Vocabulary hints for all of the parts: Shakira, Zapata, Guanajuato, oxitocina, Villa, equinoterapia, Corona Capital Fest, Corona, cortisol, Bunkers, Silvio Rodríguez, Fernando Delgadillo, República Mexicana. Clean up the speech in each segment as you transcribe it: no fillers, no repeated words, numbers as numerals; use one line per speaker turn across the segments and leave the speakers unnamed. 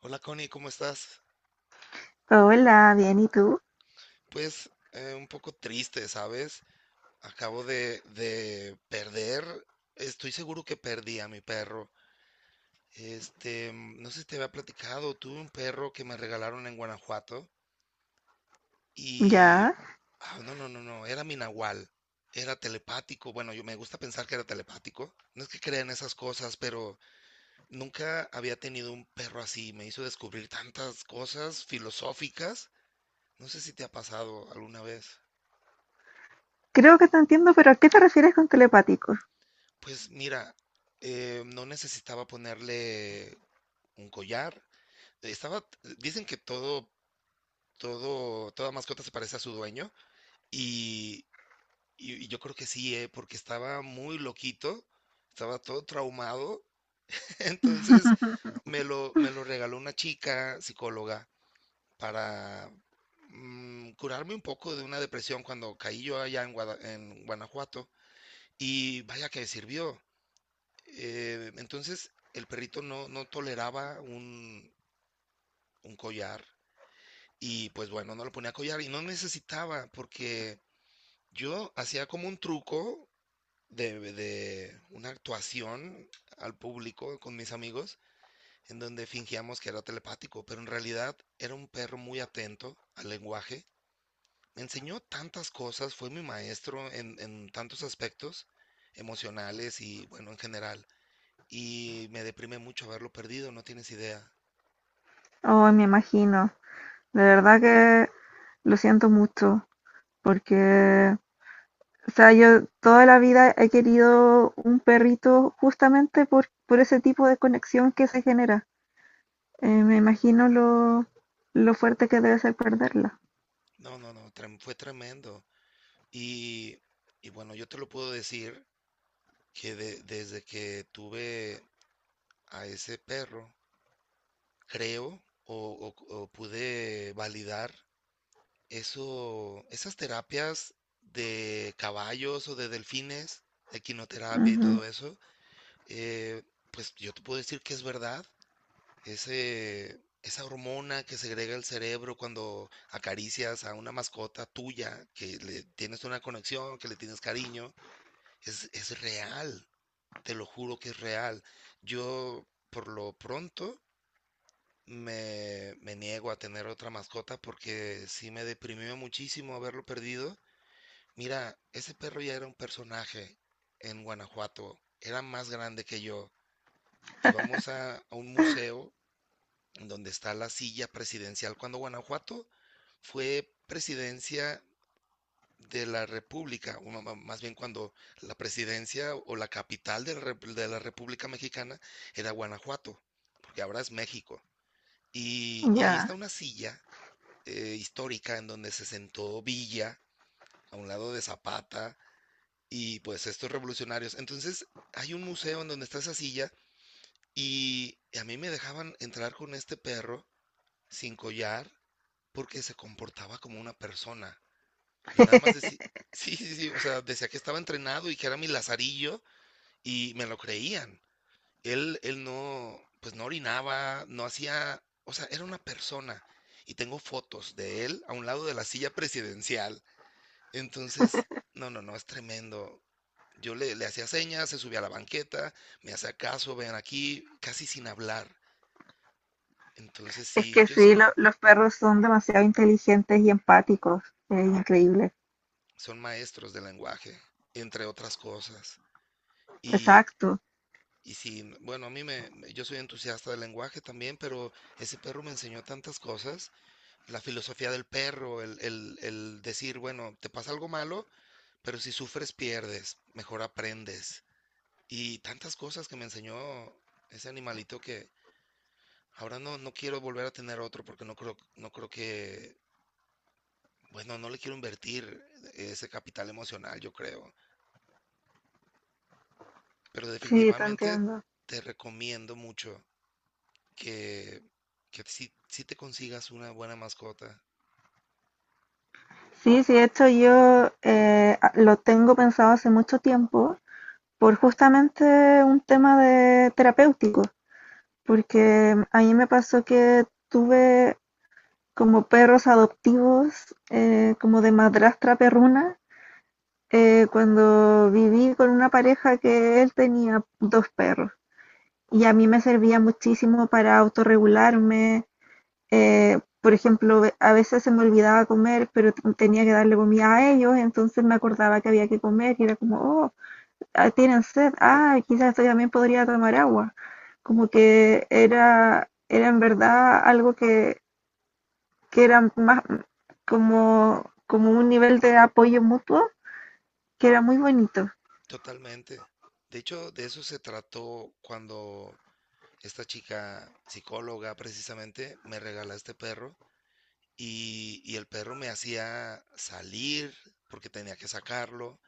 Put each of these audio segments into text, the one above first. Hola Connie, ¿cómo estás?
Hola, bien, ¿y tú?
Pues un poco triste, ¿sabes? Acabo de perder, estoy seguro que perdí a mi perro. Este, no sé si te había platicado, tuve un perro que me regalaron en Guanajuato y...
Ya.
ah, no, no, no, no, era mi nahual, era telepático, bueno, yo me gusta pensar que era telepático, no es que crea en esas cosas, pero nunca había tenido un perro así, me hizo descubrir tantas cosas filosóficas, no sé si te ha pasado alguna vez.
Creo que te entiendo, pero ¿a qué te refieres con telepático?
Pues mira, no necesitaba ponerle un collar. Estaba, dicen que toda mascota se parece a su dueño y, y yo creo que sí, porque estaba muy loquito, estaba todo traumado. Entonces me lo regaló una chica psicóloga para curarme un poco de una depresión cuando caí yo allá en Guanajuato y vaya que sirvió. Entonces el perrito no toleraba un collar y pues bueno, no lo ponía collar y no necesitaba porque yo hacía como un truco de una actuación al público con mis amigos en donde fingíamos que era telepático, pero en realidad era un perro muy atento al lenguaje. Me enseñó tantas cosas, fue mi maestro en tantos aspectos emocionales y bueno, en general. Y me deprime mucho haberlo perdido, no tienes idea.
Oh, me imagino. De verdad que lo siento mucho, porque, o sea, yo toda la vida he querido un perrito justamente por ese tipo de conexión que se genera. Me imagino lo fuerte que debe ser perderla.
No, no, no, fue tremendo. Y, y bueno, yo te lo puedo decir que desde que tuve a ese perro, creo o pude validar esas terapias de caballos o de delfines, equinoterapia y todo
Ujú.
eso, eh, pues yo te puedo decir que es verdad. Esa hormona que segrega el cerebro cuando acaricias a una mascota tuya, que le tienes una conexión, que le tienes cariño, es real, te lo juro que es real. Yo, por lo pronto, me niego a tener otra mascota porque sí me deprimió muchísimo haberlo perdido. Mira, ese perro ya era un personaje en Guanajuato, era más grande que yo. Íbamos a un museo donde está la silla presidencial. Cuando Guanajuato fue presidencia de la República, o más bien cuando la presidencia o la capital de la República Mexicana era Guanajuato, porque ahora es México. Y ahí está
Ya.
una silla histórica en donde se sentó Villa a un lado de Zapata y pues estos revolucionarios. Entonces hay un museo en donde está esa silla y a mí me dejaban entrar con este perro sin collar porque se comportaba como una persona. Yo nada más decía, sí, sí, sí, o sea, decía que estaba entrenado y que era mi lazarillo y me lo creían. Él no, pues no orinaba, no hacía, o sea, era una persona. Y tengo fotos de él a un lado de la silla presidencial. Entonces, no, no, no, es tremendo. Yo le hacía señas, se subía a la banqueta, me hacía caso, vean aquí, casi sin hablar. Entonces
Es
sí,
que
yo sí,
sí, los perros son demasiado inteligentes y empáticos. Es increíble.
son maestros de lenguaje, entre otras cosas. Y,
Exacto.
y sí, bueno, a mí yo soy entusiasta del lenguaje también, pero ese perro me enseñó tantas cosas, la filosofía del perro, el decir, bueno, te pasa algo malo, pero si sufres pierdes, mejor aprendes. Y tantas cosas que me enseñó ese animalito que ahora no quiero volver a tener otro porque no creo que, bueno, no le quiero invertir ese capital emocional, yo creo. Pero
Sí, te
definitivamente
entiendo.
te recomiendo mucho que, que si te consigas una buena mascota.
Sí, sí, de hecho yo lo tengo pensado hace mucho tiempo por justamente un tema de terapéutico, porque a mí me pasó que tuve como perros adoptivos, como de madrastra perruna, cuando viví con una pareja que él tenía dos perros y a mí me servía muchísimo para autorregularme, por ejemplo, a veces se me olvidaba comer, pero tenía que darle comida a ellos, entonces me acordaba que había que comer y era como, oh, ah, tienen sed, ah, quizás yo también podría tomar agua. Como que era, era en verdad algo que era más como, como un nivel de apoyo mutuo que era muy bonito.
Totalmente. De hecho, de eso se trató cuando esta chica psicóloga precisamente me regala este perro y el perro me hacía salir porque tenía que sacarlo.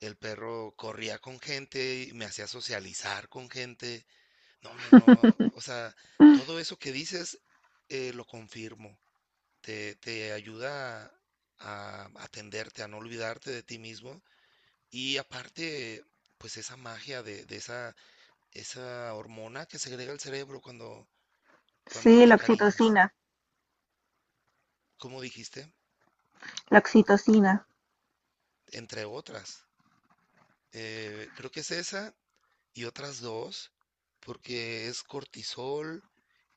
El perro corría con gente y me hacía socializar con gente. No, no, no. O sea, todo eso que dices lo confirmo. Te ayuda a atenderte, a no olvidarte de ti mismo. Y aparte, pues esa magia de esa, esa hormona que segrega el cerebro cuando
Sí,
te
la
encariñas,
oxitocina,
como dijiste,
la oxitocina.
entre otras. Creo que es esa y otras dos, porque es cortisol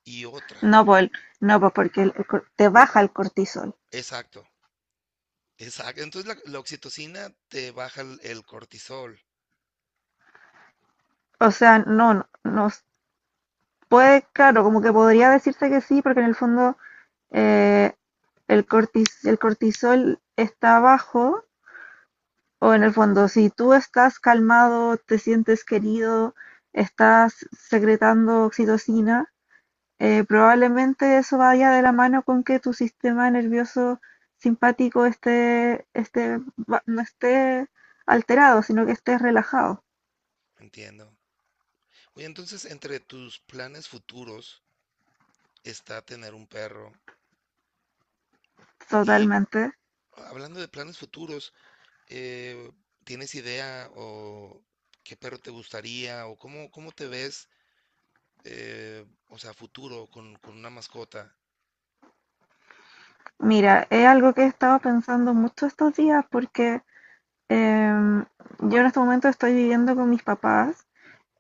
y otra.
No, pues, no, pues porque te baja el cortisol.
Exacto, exacto. Entonces la oxitocina te baja el cortisol,
O sea, no, no, no, puede, claro, como que podría decirse que sí, porque en el fondo eh, el cortisol está bajo, o en el fondo, si tú estás calmado, te sientes querido, estás secretando oxitocina, probablemente eso vaya de la mano con que tu sistema nervioso simpático no esté alterado, sino que estés relajado
entiendo. Oye, entonces entre tus planes futuros, está tener un perro. Y
totalmente.
hablando de planes futuros, eh, ¿tienes idea o qué perro te gustaría o cómo, cómo te ves, o sea, futuro con una mascota?
Mira, es algo que he estado pensando mucho estos días porque Em, yo en este momento estoy viviendo con mis papás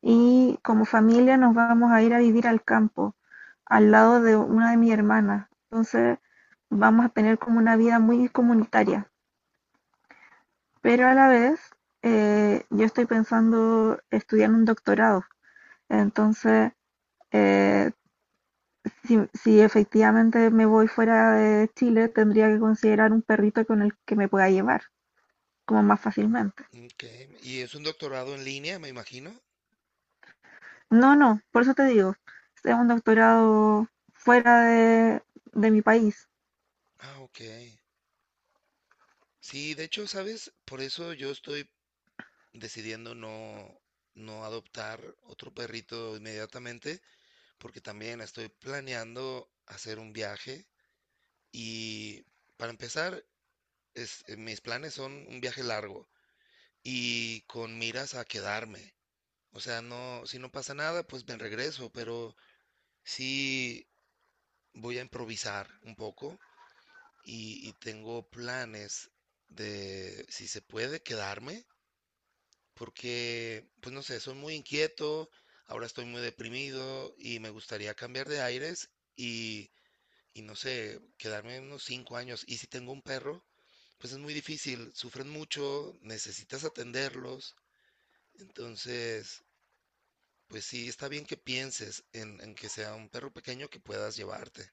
y como familia nos vamos a ir a vivir al campo, al lado de una de mis hermanas. Entonces vamos a tener como una vida muy comunitaria, pero a la vez yo estoy pensando estudiar un doctorado. Entonces, eh, si efectivamente me voy fuera de Chile, tendría que considerar un perrito con el que me pueda llevar, como más fácilmente.
Ok, y es un doctorado en línea, me imagino.
No, no, por eso te digo, es un doctorado fuera de, de mi país.
Ah, ok. Sí, de hecho, ¿sabes? Por eso yo estoy decidiendo no adoptar otro perrito inmediatamente, porque también estoy planeando hacer un viaje. Y para empezar, mis planes son un viaje largo y con miras a quedarme. O sea, no, si no pasa nada, pues me regreso, pero sí voy a improvisar un poco y tengo planes de si se puede quedarme, porque, pues no sé, soy muy inquieto, ahora estoy muy deprimido y me gustaría cambiar de aires y, y no sé, quedarme unos 5 años. Y si tengo un perro, pues es muy difícil, sufren mucho, necesitas atenderlos, entonces, pues sí, está bien que pienses en que sea un perro pequeño que puedas llevarte.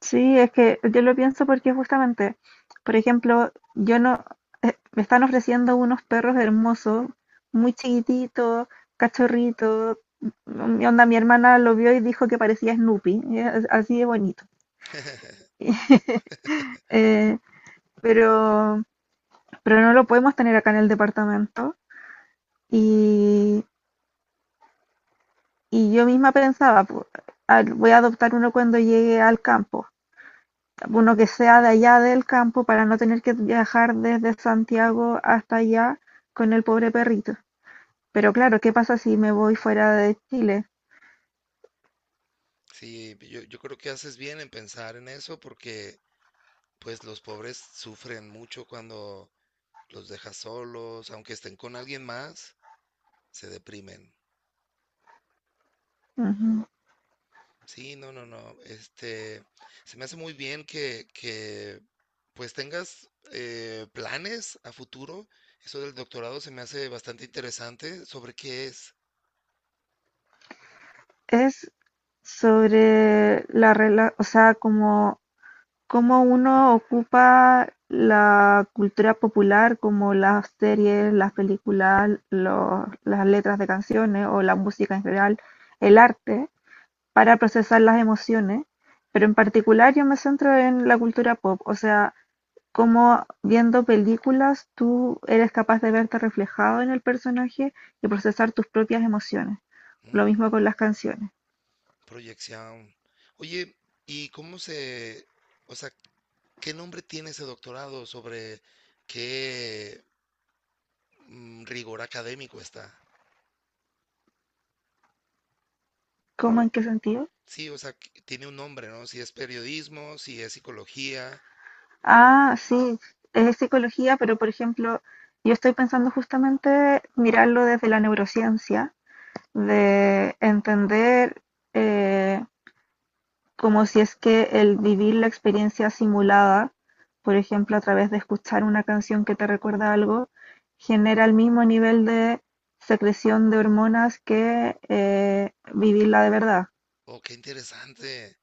Sí, es que yo lo pienso porque justamente, por ejemplo, yo no, me están ofreciendo unos perros hermosos, muy chiquititos, cachorritos. Mi onda, mi hermana lo vio y dijo que parecía Snoopy, y es así de bonito. Eh, pero, pero no lo podemos tener acá en el departamento. Y, y yo misma pensaba, voy a adoptar uno cuando llegue al campo, uno que sea de allá del campo para no tener que viajar desde Santiago hasta allá con el pobre perrito. Pero claro, ¿qué pasa si me voy fuera de Chile?
Sí, yo creo que haces bien en pensar en eso porque pues los pobres sufren mucho cuando los dejas solos, aunque estén con alguien más, se deprimen.
Ujú.
Sí, no, no, no. Este, se me hace muy bien que pues tengas planes a futuro. Eso del doctorado se me hace bastante interesante. ¿Sobre qué es?
Es o sea, como cómo uno ocupa la cultura popular, como las series, las películas, las letras de canciones o la música en general, el arte para procesar las emociones, pero en particular yo me centro en la cultura pop, o sea, cómo viendo películas tú eres capaz de verte reflejado en el personaje y procesar tus propias emociones. Lo
Mm,
mismo con las canciones.
proyección. Oye, ¿y cómo se, o sea, qué nombre tiene ese doctorado? ¿Sobre qué rigor académico está?
¿Cómo, en qué sentido?
Sí, o sea, que tiene un nombre, ¿no? Si es periodismo, si es psicología.
Ah, sí, es psicología, pero por ejemplo, yo estoy pensando justamente mirarlo desde la neurociencia, de entender eh, como si es que el vivir la experiencia simulada, por ejemplo, a través de escuchar una canción que te recuerda algo, genera el mismo nivel de secreción de hormonas que vivirla de verdad.
Oh, qué interesante.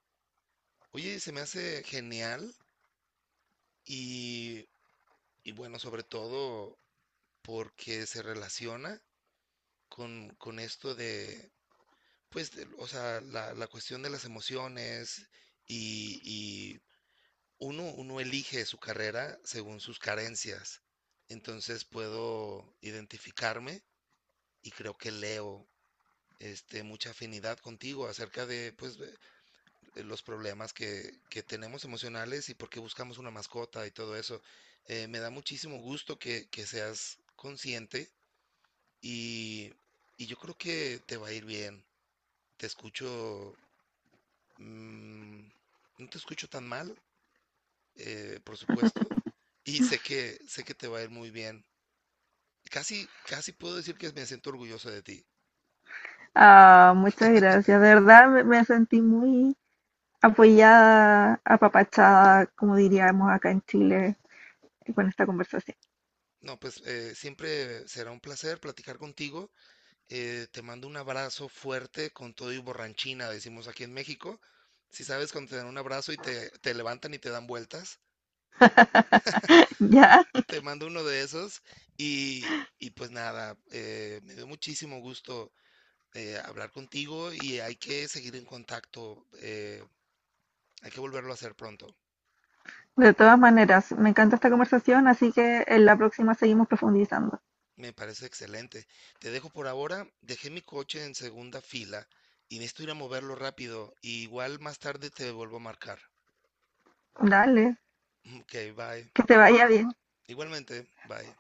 Oye, se me hace genial y, y bueno, sobre todo porque se relaciona con esto de, pues, de- o sea, la cuestión de las emociones y uno, uno elige su carrera según sus carencias. Entonces puedo identificarme y creo que leo este, mucha afinidad contigo acerca de, pues, de los problemas que tenemos emocionales y por qué buscamos una mascota y todo eso. Me da muchísimo gusto que seas consciente y, y yo creo que te va a ir bien. Te escucho, mm, no te escucho tan mal, por supuesto, y sé que te va a ir muy bien. Casi, casi puedo decir que me siento orgulloso de ti.
Ah, muchas gracias. De verdad me sentí muy apoyada, apapachada, como diríamos acá en Chile, con esta conversación.
No, pues siempre será un placer platicar contigo. Te mando un abrazo fuerte con todo y borranchina, decimos aquí en México. Si sabes cuando te dan un abrazo y te levantan y te dan vueltas,
Ya,
te mando uno de esos. Y pues nada, me dio muchísimo gusto hablar contigo y hay que seguir en contacto. Hay que volverlo a hacer pronto.
de todas maneras, me encanta esta conversación, así que en la próxima seguimos profundizando.
Me parece excelente. Te dejo por ahora. Dejé mi coche en segunda fila y necesito ir a moverlo rápido. Y igual más tarde te vuelvo a marcar.
Dale,
Ok, bye.
que te vaya bien.
Igualmente, bye.